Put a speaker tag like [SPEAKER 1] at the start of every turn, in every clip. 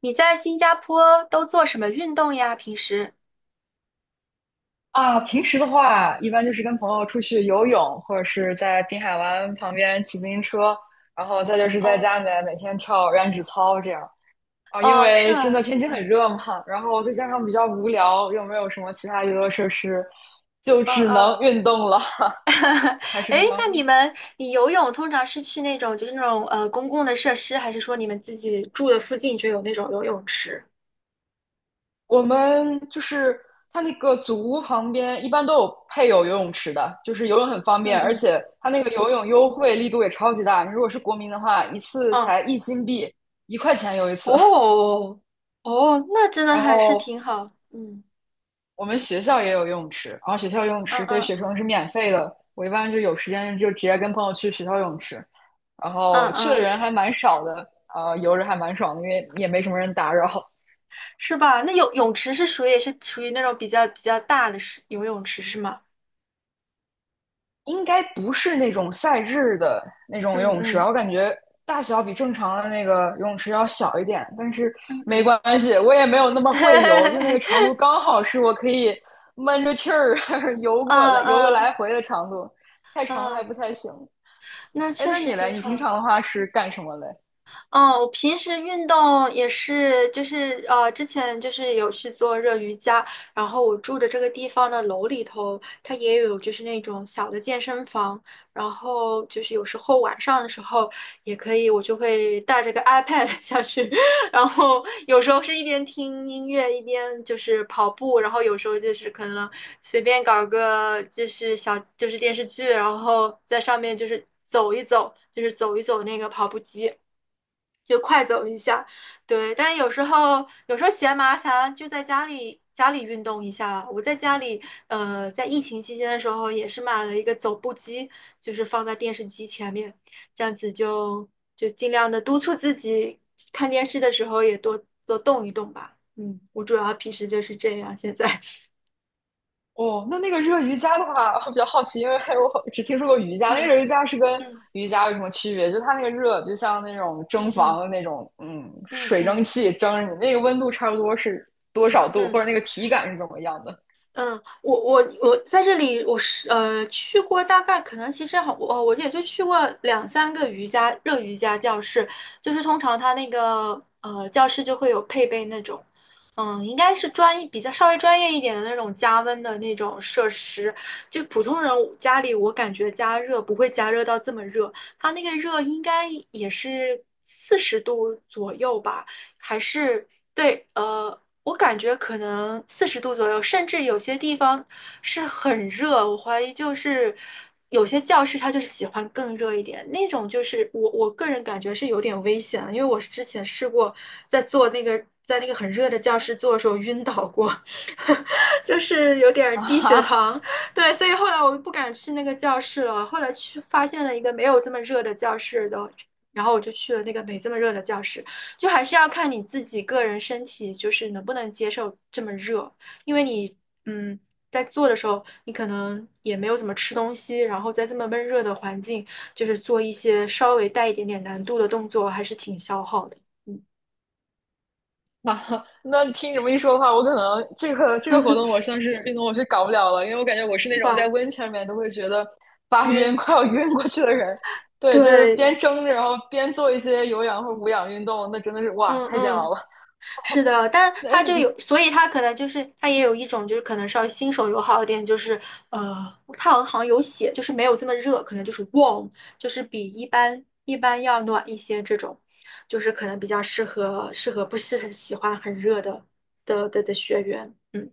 [SPEAKER 1] 你在新加坡都做什么运动呀？平时？
[SPEAKER 2] 啊，平时的话，一般就是跟朋友出去游泳，或者是在滨海湾旁边骑自行车，然后再就是在家里
[SPEAKER 1] 哦
[SPEAKER 2] 面每天跳燃脂操这样。啊，因
[SPEAKER 1] 哦，是
[SPEAKER 2] 为
[SPEAKER 1] 吗？
[SPEAKER 2] 真的天气很热嘛，然后再加上比较无聊，又没有什么其他娱乐设施，就
[SPEAKER 1] 嗯
[SPEAKER 2] 只
[SPEAKER 1] 嗯。
[SPEAKER 2] 能运动了，还是
[SPEAKER 1] 诶，
[SPEAKER 2] 非常
[SPEAKER 1] 那你们，你游泳通常是去那种就是那种公共的设施，还是说你们自己住的附近就有那种游泳池？
[SPEAKER 2] 我们就是它那个祖屋旁边一般都有配有游泳池的，就是游泳很方
[SPEAKER 1] 嗯
[SPEAKER 2] 便，而
[SPEAKER 1] 嗯
[SPEAKER 2] 且它那个游泳优惠力度也超级大。你如果是国民的话，一次
[SPEAKER 1] 嗯，
[SPEAKER 2] 才1新币，1块钱游一次。
[SPEAKER 1] 哦哦，那真的
[SPEAKER 2] 然
[SPEAKER 1] 还是
[SPEAKER 2] 后
[SPEAKER 1] 挺好。嗯
[SPEAKER 2] 我们学校也有游泳池，然后学校游泳
[SPEAKER 1] 嗯
[SPEAKER 2] 池对
[SPEAKER 1] 嗯
[SPEAKER 2] 学生是免费的。我一般就有时间就直接跟朋友去学校游泳池，然后
[SPEAKER 1] 嗯
[SPEAKER 2] 去的
[SPEAKER 1] 嗯，
[SPEAKER 2] 人还蛮少的，游着还蛮爽的，因为也没什么人打扰。
[SPEAKER 1] 是吧？那泳池是属于那种比较大的是游泳池是吗？
[SPEAKER 2] 应该不是那种赛制的那种游
[SPEAKER 1] 嗯
[SPEAKER 2] 泳池吧？
[SPEAKER 1] 嗯
[SPEAKER 2] 我感觉大小比正常的那个游泳池要小一点，但是
[SPEAKER 1] 嗯
[SPEAKER 2] 没
[SPEAKER 1] 嗯，
[SPEAKER 2] 关系，我也没有那么会游，就那个长度 刚好是我可以闷着气儿 游过来、
[SPEAKER 1] 嗯
[SPEAKER 2] 游个
[SPEAKER 1] 嗯。
[SPEAKER 2] 来回的长度，太长还
[SPEAKER 1] 嗯，
[SPEAKER 2] 不太行。
[SPEAKER 1] 那
[SPEAKER 2] 哎，
[SPEAKER 1] 确
[SPEAKER 2] 那
[SPEAKER 1] 实
[SPEAKER 2] 你嘞？
[SPEAKER 1] 挺
[SPEAKER 2] 你平
[SPEAKER 1] 好。
[SPEAKER 2] 常的话是干什么嘞？
[SPEAKER 1] 嗯，我平时运动也是，就是之前就是有去做热瑜伽，然后我住的这个地方的楼里头，它也有就是那种小的健身房，然后就是有时候晚上的时候也可以，我就会带着个 iPad 下去，然后有时候是一边听音乐一边就是跑步，然后有时候就是可能随便搞个就是小就是电视剧，然后在上面就是走一走，那个跑步机。就快走一下。对，但有时候嫌麻烦，就在家里运动一下。我在家里，在疫情期间的时候也是买了一个走步机，就是放在电视机前面，这样子就尽量的督促自己看电视的时候也多多动一动吧。嗯，我主要平时就是这样，现在。
[SPEAKER 2] 哦，那那个热瑜伽的话，我比较好奇，因为我好只听说过瑜伽，那个
[SPEAKER 1] 嗯
[SPEAKER 2] 热瑜伽是跟
[SPEAKER 1] 嗯
[SPEAKER 2] 瑜伽有什么区别？就它那个热，就像那种
[SPEAKER 1] 嗯
[SPEAKER 2] 蒸
[SPEAKER 1] 嗯
[SPEAKER 2] 房的那种，嗯，
[SPEAKER 1] 嗯
[SPEAKER 2] 水
[SPEAKER 1] 嗯
[SPEAKER 2] 蒸气蒸着你，那个温度差不多是多少度，或
[SPEAKER 1] 嗯。
[SPEAKER 2] 者那个体感是怎么样的？
[SPEAKER 1] 嗯，我在这里，我是去过大概可能其实我也就去过两三个热瑜伽教室，就是通常它那个教室就会有配备那种，嗯，应该是比较稍微专业一点的那种加温的那种设施，就普通人家里我感觉加热不会加热到这么热，它那个热应该也是四十度左右吧，还是对，我感觉可能四十度左右，甚至有些地方是很热。我怀疑就是有些教室它就是喜欢更热一点，那种就是我个人感觉是有点危险，因为我是之前试过在做那个在那个很热的教室做的时候晕倒过，就是有点儿
[SPEAKER 2] 啊
[SPEAKER 1] 低血
[SPEAKER 2] 哈，
[SPEAKER 1] 糖。对，所以后来我就不敢去那个教室了。后来去发现了一个没有这么热的教室的，然后我就去了那个没这么热的教室。就还是要看你自己个人身体，就是能不能接受这么热，因为你，嗯，在做的时候，你可能也没有怎么吃东西，然后在这么闷热的环境，就是做一些稍微带一点点难度的动作，还是挺消耗的，嗯，
[SPEAKER 2] 啊，那听你这么一说的话，我可能这个活动我算是运动我是搞不了了，因为我感觉我是那
[SPEAKER 1] 是
[SPEAKER 2] 种在
[SPEAKER 1] 吧？
[SPEAKER 2] 温泉里面都会觉得发晕，
[SPEAKER 1] 晕，
[SPEAKER 2] 快要晕过去的人。对，就是
[SPEAKER 1] 对，
[SPEAKER 2] 边蒸着，然后边做一些有氧或无氧运动，那真的是哇，
[SPEAKER 1] 嗯
[SPEAKER 2] 太煎熬
[SPEAKER 1] 嗯。
[SPEAKER 2] 了。
[SPEAKER 1] 是的，但
[SPEAKER 2] 那
[SPEAKER 1] 他就
[SPEAKER 2] 你
[SPEAKER 1] 有，所以他可能就是他也有一种就是可能稍微新手友好一点，就是呃，他好像有写，就是没有这么热，可能就是 warm，就是比一般要暖一些这种，就是可能比较适合不是很喜欢很热的学员，嗯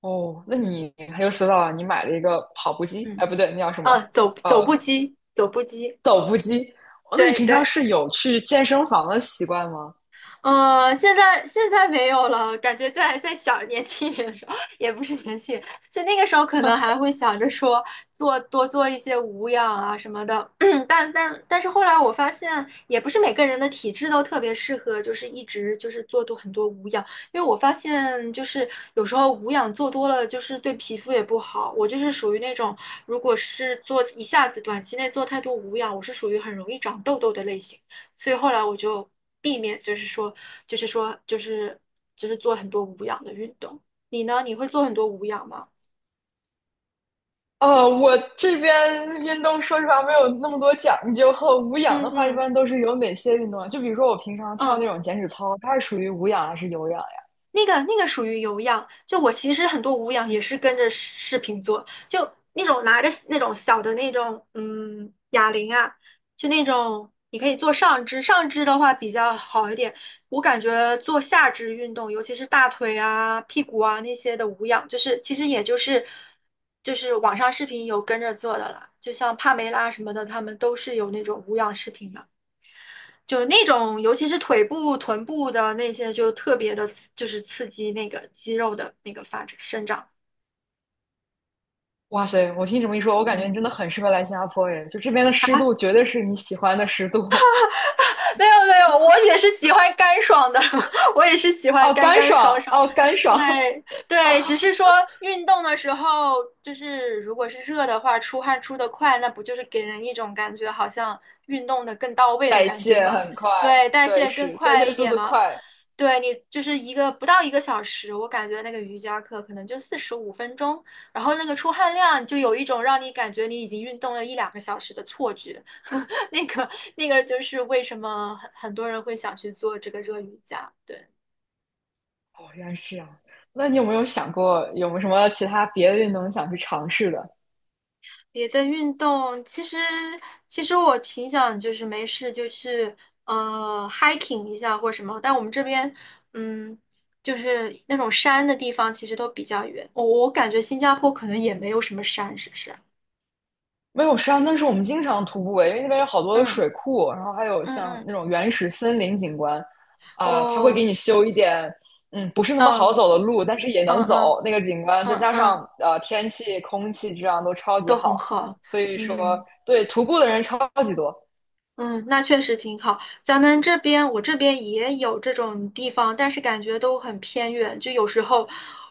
[SPEAKER 2] 哦，那你很有思道啊！你买了一个跑步机，哎，
[SPEAKER 1] 嗯，
[SPEAKER 2] 不对，那叫什么？
[SPEAKER 1] 啊，
[SPEAKER 2] 呃，
[SPEAKER 1] 走步机，
[SPEAKER 2] 走步机。哦那你
[SPEAKER 1] 对
[SPEAKER 2] 平常
[SPEAKER 1] 对。
[SPEAKER 2] 是有去健身房的习惯吗？
[SPEAKER 1] 现在没有了，感觉在小年轻一点的时候，也不是年轻，就那个时候可能还会想着说做一些无氧啊什么的，但是后来我发现，也不是每个人的体质都特别适合，就是一直就是很多无氧，因为我发现就是有时候无氧做多了，就是对皮肤也不好。我就是属于那种，如果是做一下子短期内做太多无氧，我是属于很容易长痘痘的类型。所以后来我就避免，就是说，做很多无氧的运动。你呢？你会做很多无氧吗？
[SPEAKER 2] 我这边运动说实话没有那么多讲究，和无氧
[SPEAKER 1] 嗯
[SPEAKER 2] 的话一
[SPEAKER 1] 嗯
[SPEAKER 2] 般都是有哪些运动啊？就比如说我平常跳
[SPEAKER 1] 嗯，
[SPEAKER 2] 那种减脂操，它是属于无氧还是有氧呀？
[SPEAKER 1] 那个属于有氧，就我其实很多无氧也是跟着视频做，就那种拿着那种小的那种哑铃啊，就那种你可以做上肢，上肢的话比较好一点。我感觉做下肢运动，尤其是大腿啊、屁股啊那些的无氧，就是其实也就是网上视频有跟着做的了，就像帕梅拉什么的，他们都是有那种无氧视频的。就那种，尤其是腿部、臀部的那些，就特别的，就是刺激那个肌肉的那个发展生长。
[SPEAKER 2] 哇塞，我听你这么一说，我感觉
[SPEAKER 1] 嗯，
[SPEAKER 2] 你真的很适合来新加坡耶！就这边的
[SPEAKER 1] 好
[SPEAKER 2] 湿
[SPEAKER 1] 啊
[SPEAKER 2] 度绝对是你喜欢的湿度。
[SPEAKER 1] 没有没有，我也是喜欢干爽的，我也是喜欢
[SPEAKER 2] 哦，
[SPEAKER 1] 干
[SPEAKER 2] 干
[SPEAKER 1] 干爽
[SPEAKER 2] 爽，
[SPEAKER 1] 爽。
[SPEAKER 2] 哦，干爽。
[SPEAKER 1] 对对，只是说运动的时候，就是如果是热的话，出汗出的快，那不就是给人一种感觉好像运动的更到位的
[SPEAKER 2] 代
[SPEAKER 1] 感觉
[SPEAKER 2] 谢
[SPEAKER 1] 吗？
[SPEAKER 2] 很快，
[SPEAKER 1] 对，代
[SPEAKER 2] 对，
[SPEAKER 1] 谢更
[SPEAKER 2] 是代
[SPEAKER 1] 快
[SPEAKER 2] 谢
[SPEAKER 1] 一
[SPEAKER 2] 速
[SPEAKER 1] 点
[SPEAKER 2] 度
[SPEAKER 1] 嘛。
[SPEAKER 2] 快。
[SPEAKER 1] 对你就是不到一个小时，我感觉那个瑜伽课可能就45分钟，然后那个出汗量就有一种让你感觉你已经运动了一两个小时的错觉。那个就是为什么很多人会想去做这个热瑜伽。对，
[SPEAKER 2] 哦，原来是这样。那你有没有想过，有没有什么其他别的运动想去尝试的？
[SPEAKER 1] 别的运动其实我挺想就是没事就去hiking 一下或什么，但我们这边嗯就是那种山的地方其实都比较远。我感觉新加坡可能也没有什么山，是不是？
[SPEAKER 2] 没有，实际上那是我们经常徒步诶因为那边有好多的
[SPEAKER 1] 嗯
[SPEAKER 2] 水库，然后还有
[SPEAKER 1] 嗯
[SPEAKER 2] 像那
[SPEAKER 1] 嗯，
[SPEAKER 2] 种原始森林景观，啊、它会给
[SPEAKER 1] 哦，
[SPEAKER 2] 你修一点，不是那么好
[SPEAKER 1] 嗯
[SPEAKER 2] 走的路，但是也能
[SPEAKER 1] 嗯嗯
[SPEAKER 2] 走那个景观，再
[SPEAKER 1] 嗯
[SPEAKER 2] 加
[SPEAKER 1] 嗯，
[SPEAKER 2] 上天气、空气质量都超级
[SPEAKER 1] 都
[SPEAKER 2] 好，
[SPEAKER 1] 很好。
[SPEAKER 2] 所以说
[SPEAKER 1] 嗯。
[SPEAKER 2] 对徒步的人超级多。
[SPEAKER 1] 嗯，那确实挺好。咱们这边，我这边也有这种地方，但是感觉都很偏远。就有时候，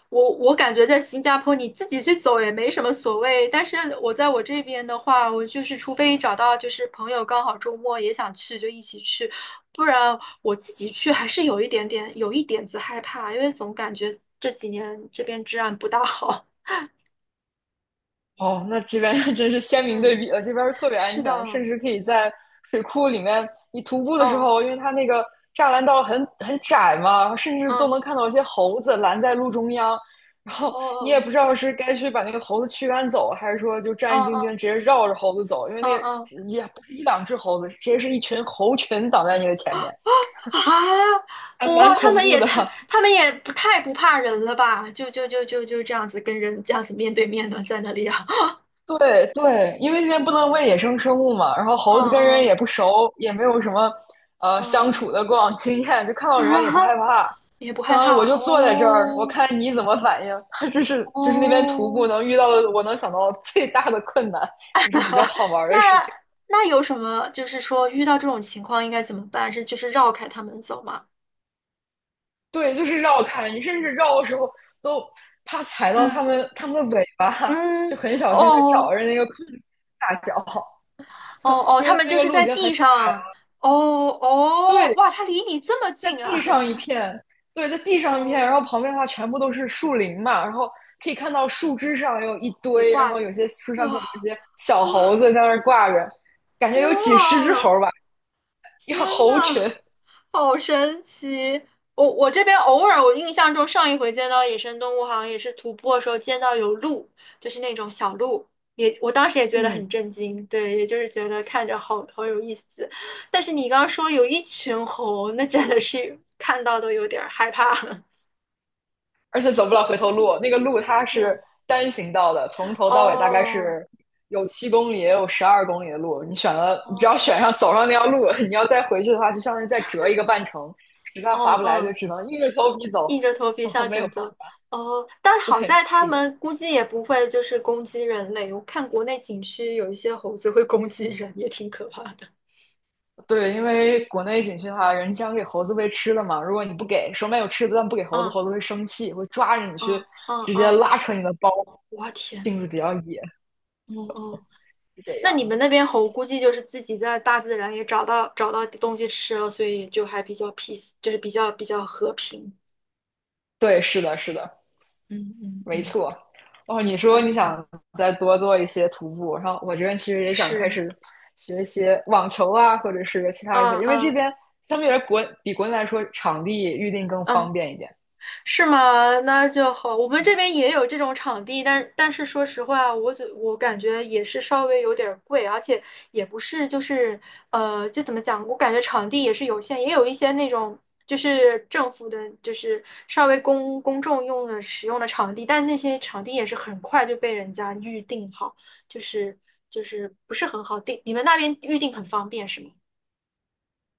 [SPEAKER 1] 我感觉在新加坡你自己去走也没什么所谓，但是我在我这边的话，我就是除非找到就是朋友刚好周末也想去，就一起去，不然我自己去还是有一点子害怕，因为总感觉这几年这边治安不大好。
[SPEAKER 2] 哦，那这边 真是鲜明对
[SPEAKER 1] 嗯，
[SPEAKER 2] 比了，这边儿特别安
[SPEAKER 1] 是的，
[SPEAKER 2] 全，甚至可以在水库里面，你徒步的时
[SPEAKER 1] 哦，
[SPEAKER 2] 候，因为它那个栅栏道很窄嘛，甚至都
[SPEAKER 1] 嗯，
[SPEAKER 2] 能看到一些猴子拦在路中央，然后你也
[SPEAKER 1] 哦，
[SPEAKER 2] 不知道是该去把那个猴子驱赶走，还是说就
[SPEAKER 1] 哦，
[SPEAKER 2] 战
[SPEAKER 1] 哦，
[SPEAKER 2] 战兢兢
[SPEAKER 1] 哦，
[SPEAKER 2] 直接绕着猴子走，因为
[SPEAKER 1] 哦，
[SPEAKER 2] 那
[SPEAKER 1] 哦。
[SPEAKER 2] 也不是一两只猴子，直接是一群猴群挡在你的前面，
[SPEAKER 1] 啊！
[SPEAKER 2] 还蛮
[SPEAKER 1] 哇，
[SPEAKER 2] 恐怖的。
[SPEAKER 1] 他们也不太不怕人了吧？就这样子跟人这样子面对面的在那里啊，
[SPEAKER 2] 对对，因为那边不能喂野生生物嘛，然后
[SPEAKER 1] 嗯
[SPEAKER 2] 猴子跟人
[SPEAKER 1] 嗯
[SPEAKER 2] 也不熟，也没有什么相处
[SPEAKER 1] 嗯
[SPEAKER 2] 的过往经验，就看
[SPEAKER 1] 嗯，
[SPEAKER 2] 到人也不害 怕，
[SPEAKER 1] 也不
[SPEAKER 2] 相
[SPEAKER 1] 害
[SPEAKER 2] 当于我
[SPEAKER 1] 怕
[SPEAKER 2] 就坐在这儿，我
[SPEAKER 1] 哦
[SPEAKER 2] 看你怎么反应。就是那边徒步
[SPEAKER 1] 哦。
[SPEAKER 2] 能遇到的，我能想到最大的困难，也是比较 好玩儿的事
[SPEAKER 1] 那
[SPEAKER 2] 情。
[SPEAKER 1] 那有什么？就是说遇到这种情况应该怎么办？是就是绕开他们走吗？
[SPEAKER 2] 对，就是绕开，你甚至绕的时候都怕踩到它
[SPEAKER 1] 嗯，
[SPEAKER 2] 们它们的尾巴，就
[SPEAKER 1] 嗯，
[SPEAKER 2] 很小心的找
[SPEAKER 1] 哦
[SPEAKER 2] 着那个空隙下脚，
[SPEAKER 1] 哦 哦，
[SPEAKER 2] 因
[SPEAKER 1] 他
[SPEAKER 2] 为
[SPEAKER 1] 们
[SPEAKER 2] 那
[SPEAKER 1] 就
[SPEAKER 2] 个
[SPEAKER 1] 是
[SPEAKER 2] 路已
[SPEAKER 1] 在
[SPEAKER 2] 经很。
[SPEAKER 1] 地上。哦哦，
[SPEAKER 2] 对。
[SPEAKER 1] 哇，他离你这么
[SPEAKER 2] 在
[SPEAKER 1] 近
[SPEAKER 2] 地
[SPEAKER 1] 啊！
[SPEAKER 2] 上一片，对，在地 上一片，然
[SPEAKER 1] 哦，
[SPEAKER 2] 后旁边的话全部都是树林嘛，然后可以看到树枝上有一
[SPEAKER 1] 也
[SPEAKER 2] 堆，然
[SPEAKER 1] 挂
[SPEAKER 2] 后有
[SPEAKER 1] 着。
[SPEAKER 2] 些树上可能有
[SPEAKER 1] 哇，
[SPEAKER 2] 些小猴子在那儿挂着，感觉有几十只
[SPEAKER 1] 哇，
[SPEAKER 2] 猴吧，一个
[SPEAKER 1] 天
[SPEAKER 2] 猴群
[SPEAKER 1] 呐，好神奇！我这边偶尔，我印象中上一回见到野生动物，好像也是徒步的时候见到有鹿，就是那种小鹿，我当时也 觉得
[SPEAKER 2] 嗯，
[SPEAKER 1] 很震惊，对，也就是觉得看着好好有意思。但是你刚刚说有一群猴，那真的是看到都有点儿害怕。
[SPEAKER 2] 而且走不了回头路，那个路它是
[SPEAKER 1] 嗯，
[SPEAKER 2] 单行道的，从头到尾大概
[SPEAKER 1] 哦，
[SPEAKER 2] 是有7公里，也有12公里的路，你选了，你只要选
[SPEAKER 1] 哦，
[SPEAKER 2] 上走上那条路，你要再回去的话，就相当于再折一个半程，实在
[SPEAKER 1] 哦，
[SPEAKER 2] 划不来就
[SPEAKER 1] 哦，
[SPEAKER 2] 只能硬着头皮走，
[SPEAKER 1] 硬着头 皮向
[SPEAKER 2] 然没有，
[SPEAKER 1] 前走。哦，但好
[SPEAKER 2] 对，
[SPEAKER 1] 在他
[SPEAKER 2] 是的。
[SPEAKER 1] 们估计也不会就是攻击人类。我看国内景区有一些猴子会攻击人，也挺可怕的。
[SPEAKER 2] 对，因为国内景区的话，人家常给猴子喂吃的嘛。如果你不给，手里面有吃的，但不给猴子，
[SPEAKER 1] 嗯
[SPEAKER 2] 猴子会生气，会抓着你去，
[SPEAKER 1] 嗯嗯
[SPEAKER 2] 直接
[SPEAKER 1] 嗯，
[SPEAKER 2] 拉扯你的包。
[SPEAKER 1] 我天，
[SPEAKER 2] 性子比较野，
[SPEAKER 1] 嗯嗯，
[SPEAKER 2] 是这
[SPEAKER 1] 那你
[SPEAKER 2] 样
[SPEAKER 1] 们
[SPEAKER 2] 的。
[SPEAKER 1] 那边猴估计就是自己在大自然也找到东西吃了，所以就还比较 peace，就是比较和平。
[SPEAKER 2] 对，是的，是的，
[SPEAKER 1] 嗯嗯
[SPEAKER 2] 没
[SPEAKER 1] 嗯，
[SPEAKER 2] 错。哦，你
[SPEAKER 1] 那
[SPEAKER 2] 说你
[SPEAKER 1] 挺
[SPEAKER 2] 想再多做一些徒步，然后我这边其实也想开
[SPEAKER 1] 是，
[SPEAKER 2] 始学一些网球啊，或者是其他一
[SPEAKER 1] 嗯
[SPEAKER 2] 些，因为这
[SPEAKER 1] 嗯
[SPEAKER 2] 边相对于比国内来说，场地预定更方
[SPEAKER 1] 嗯。
[SPEAKER 2] 便一点。
[SPEAKER 1] 是吗？那就好。我们这边也有这种场地，但是说实话，我感觉也是稍微有点儿贵，而且也不是就是就怎么讲？我感觉场地也是有限，也有一些那种就是政府的，就是稍微公众使用的场地，但那些场地也是很快就被人家预定好，就是不是很好定。你们那边预定很方便是吗？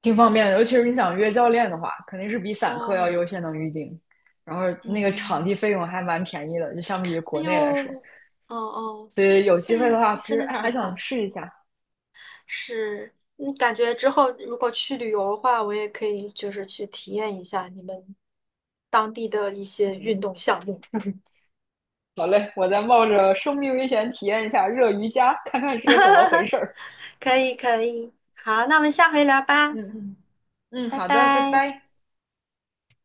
[SPEAKER 2] 挺方便的，尤其是你想约教练的话，肯定是比散客要
[SPEAKER 1] 哦，
[SPEAKER 2] 优先能预定，然后那个场
[SPEAKER 1] 嗯，
[SPEAKER 2] 地费用还蛮便宜的，就相比于国内来说。
[SPEAKER 1] 哦哦，
[SPEAKER 2] 所以有
[SPEAKER 1] 哎，
[SPEAKER 2] 机会的话，其
[SPEAKER 1] 真
[SPEAKER 2] 实
[SPEAKER 1] 的
[SPEAKER 2] 哎还
[SPEAKER 1] 挺
[SPEAKER 2] 想
[SPEAKER 1] 好。
[SPEAKER 2] 试一下。
[SPEAKER 1] 是，感觉之后如果去旅游的话，我也可以就是去体验一下你们当地的一些运动项目。
[SPEAKER 2] 好嘞，我再冒着生命危险体验一下热瑜伽，看看是个怎么回 事儿。
[SPEAKER 1] 可以，可以，好，那我们下回聊吧。
[SPEAKER 2] 嗯
[SPEAKER 1] 嗯，
[SPEAKER 2] 嗯，
[SPEAKER 1] 拜
[SPEAKER 2] 好的，拜
[SPEAKER 1] 拜。
[SPEAKER 2] 拜。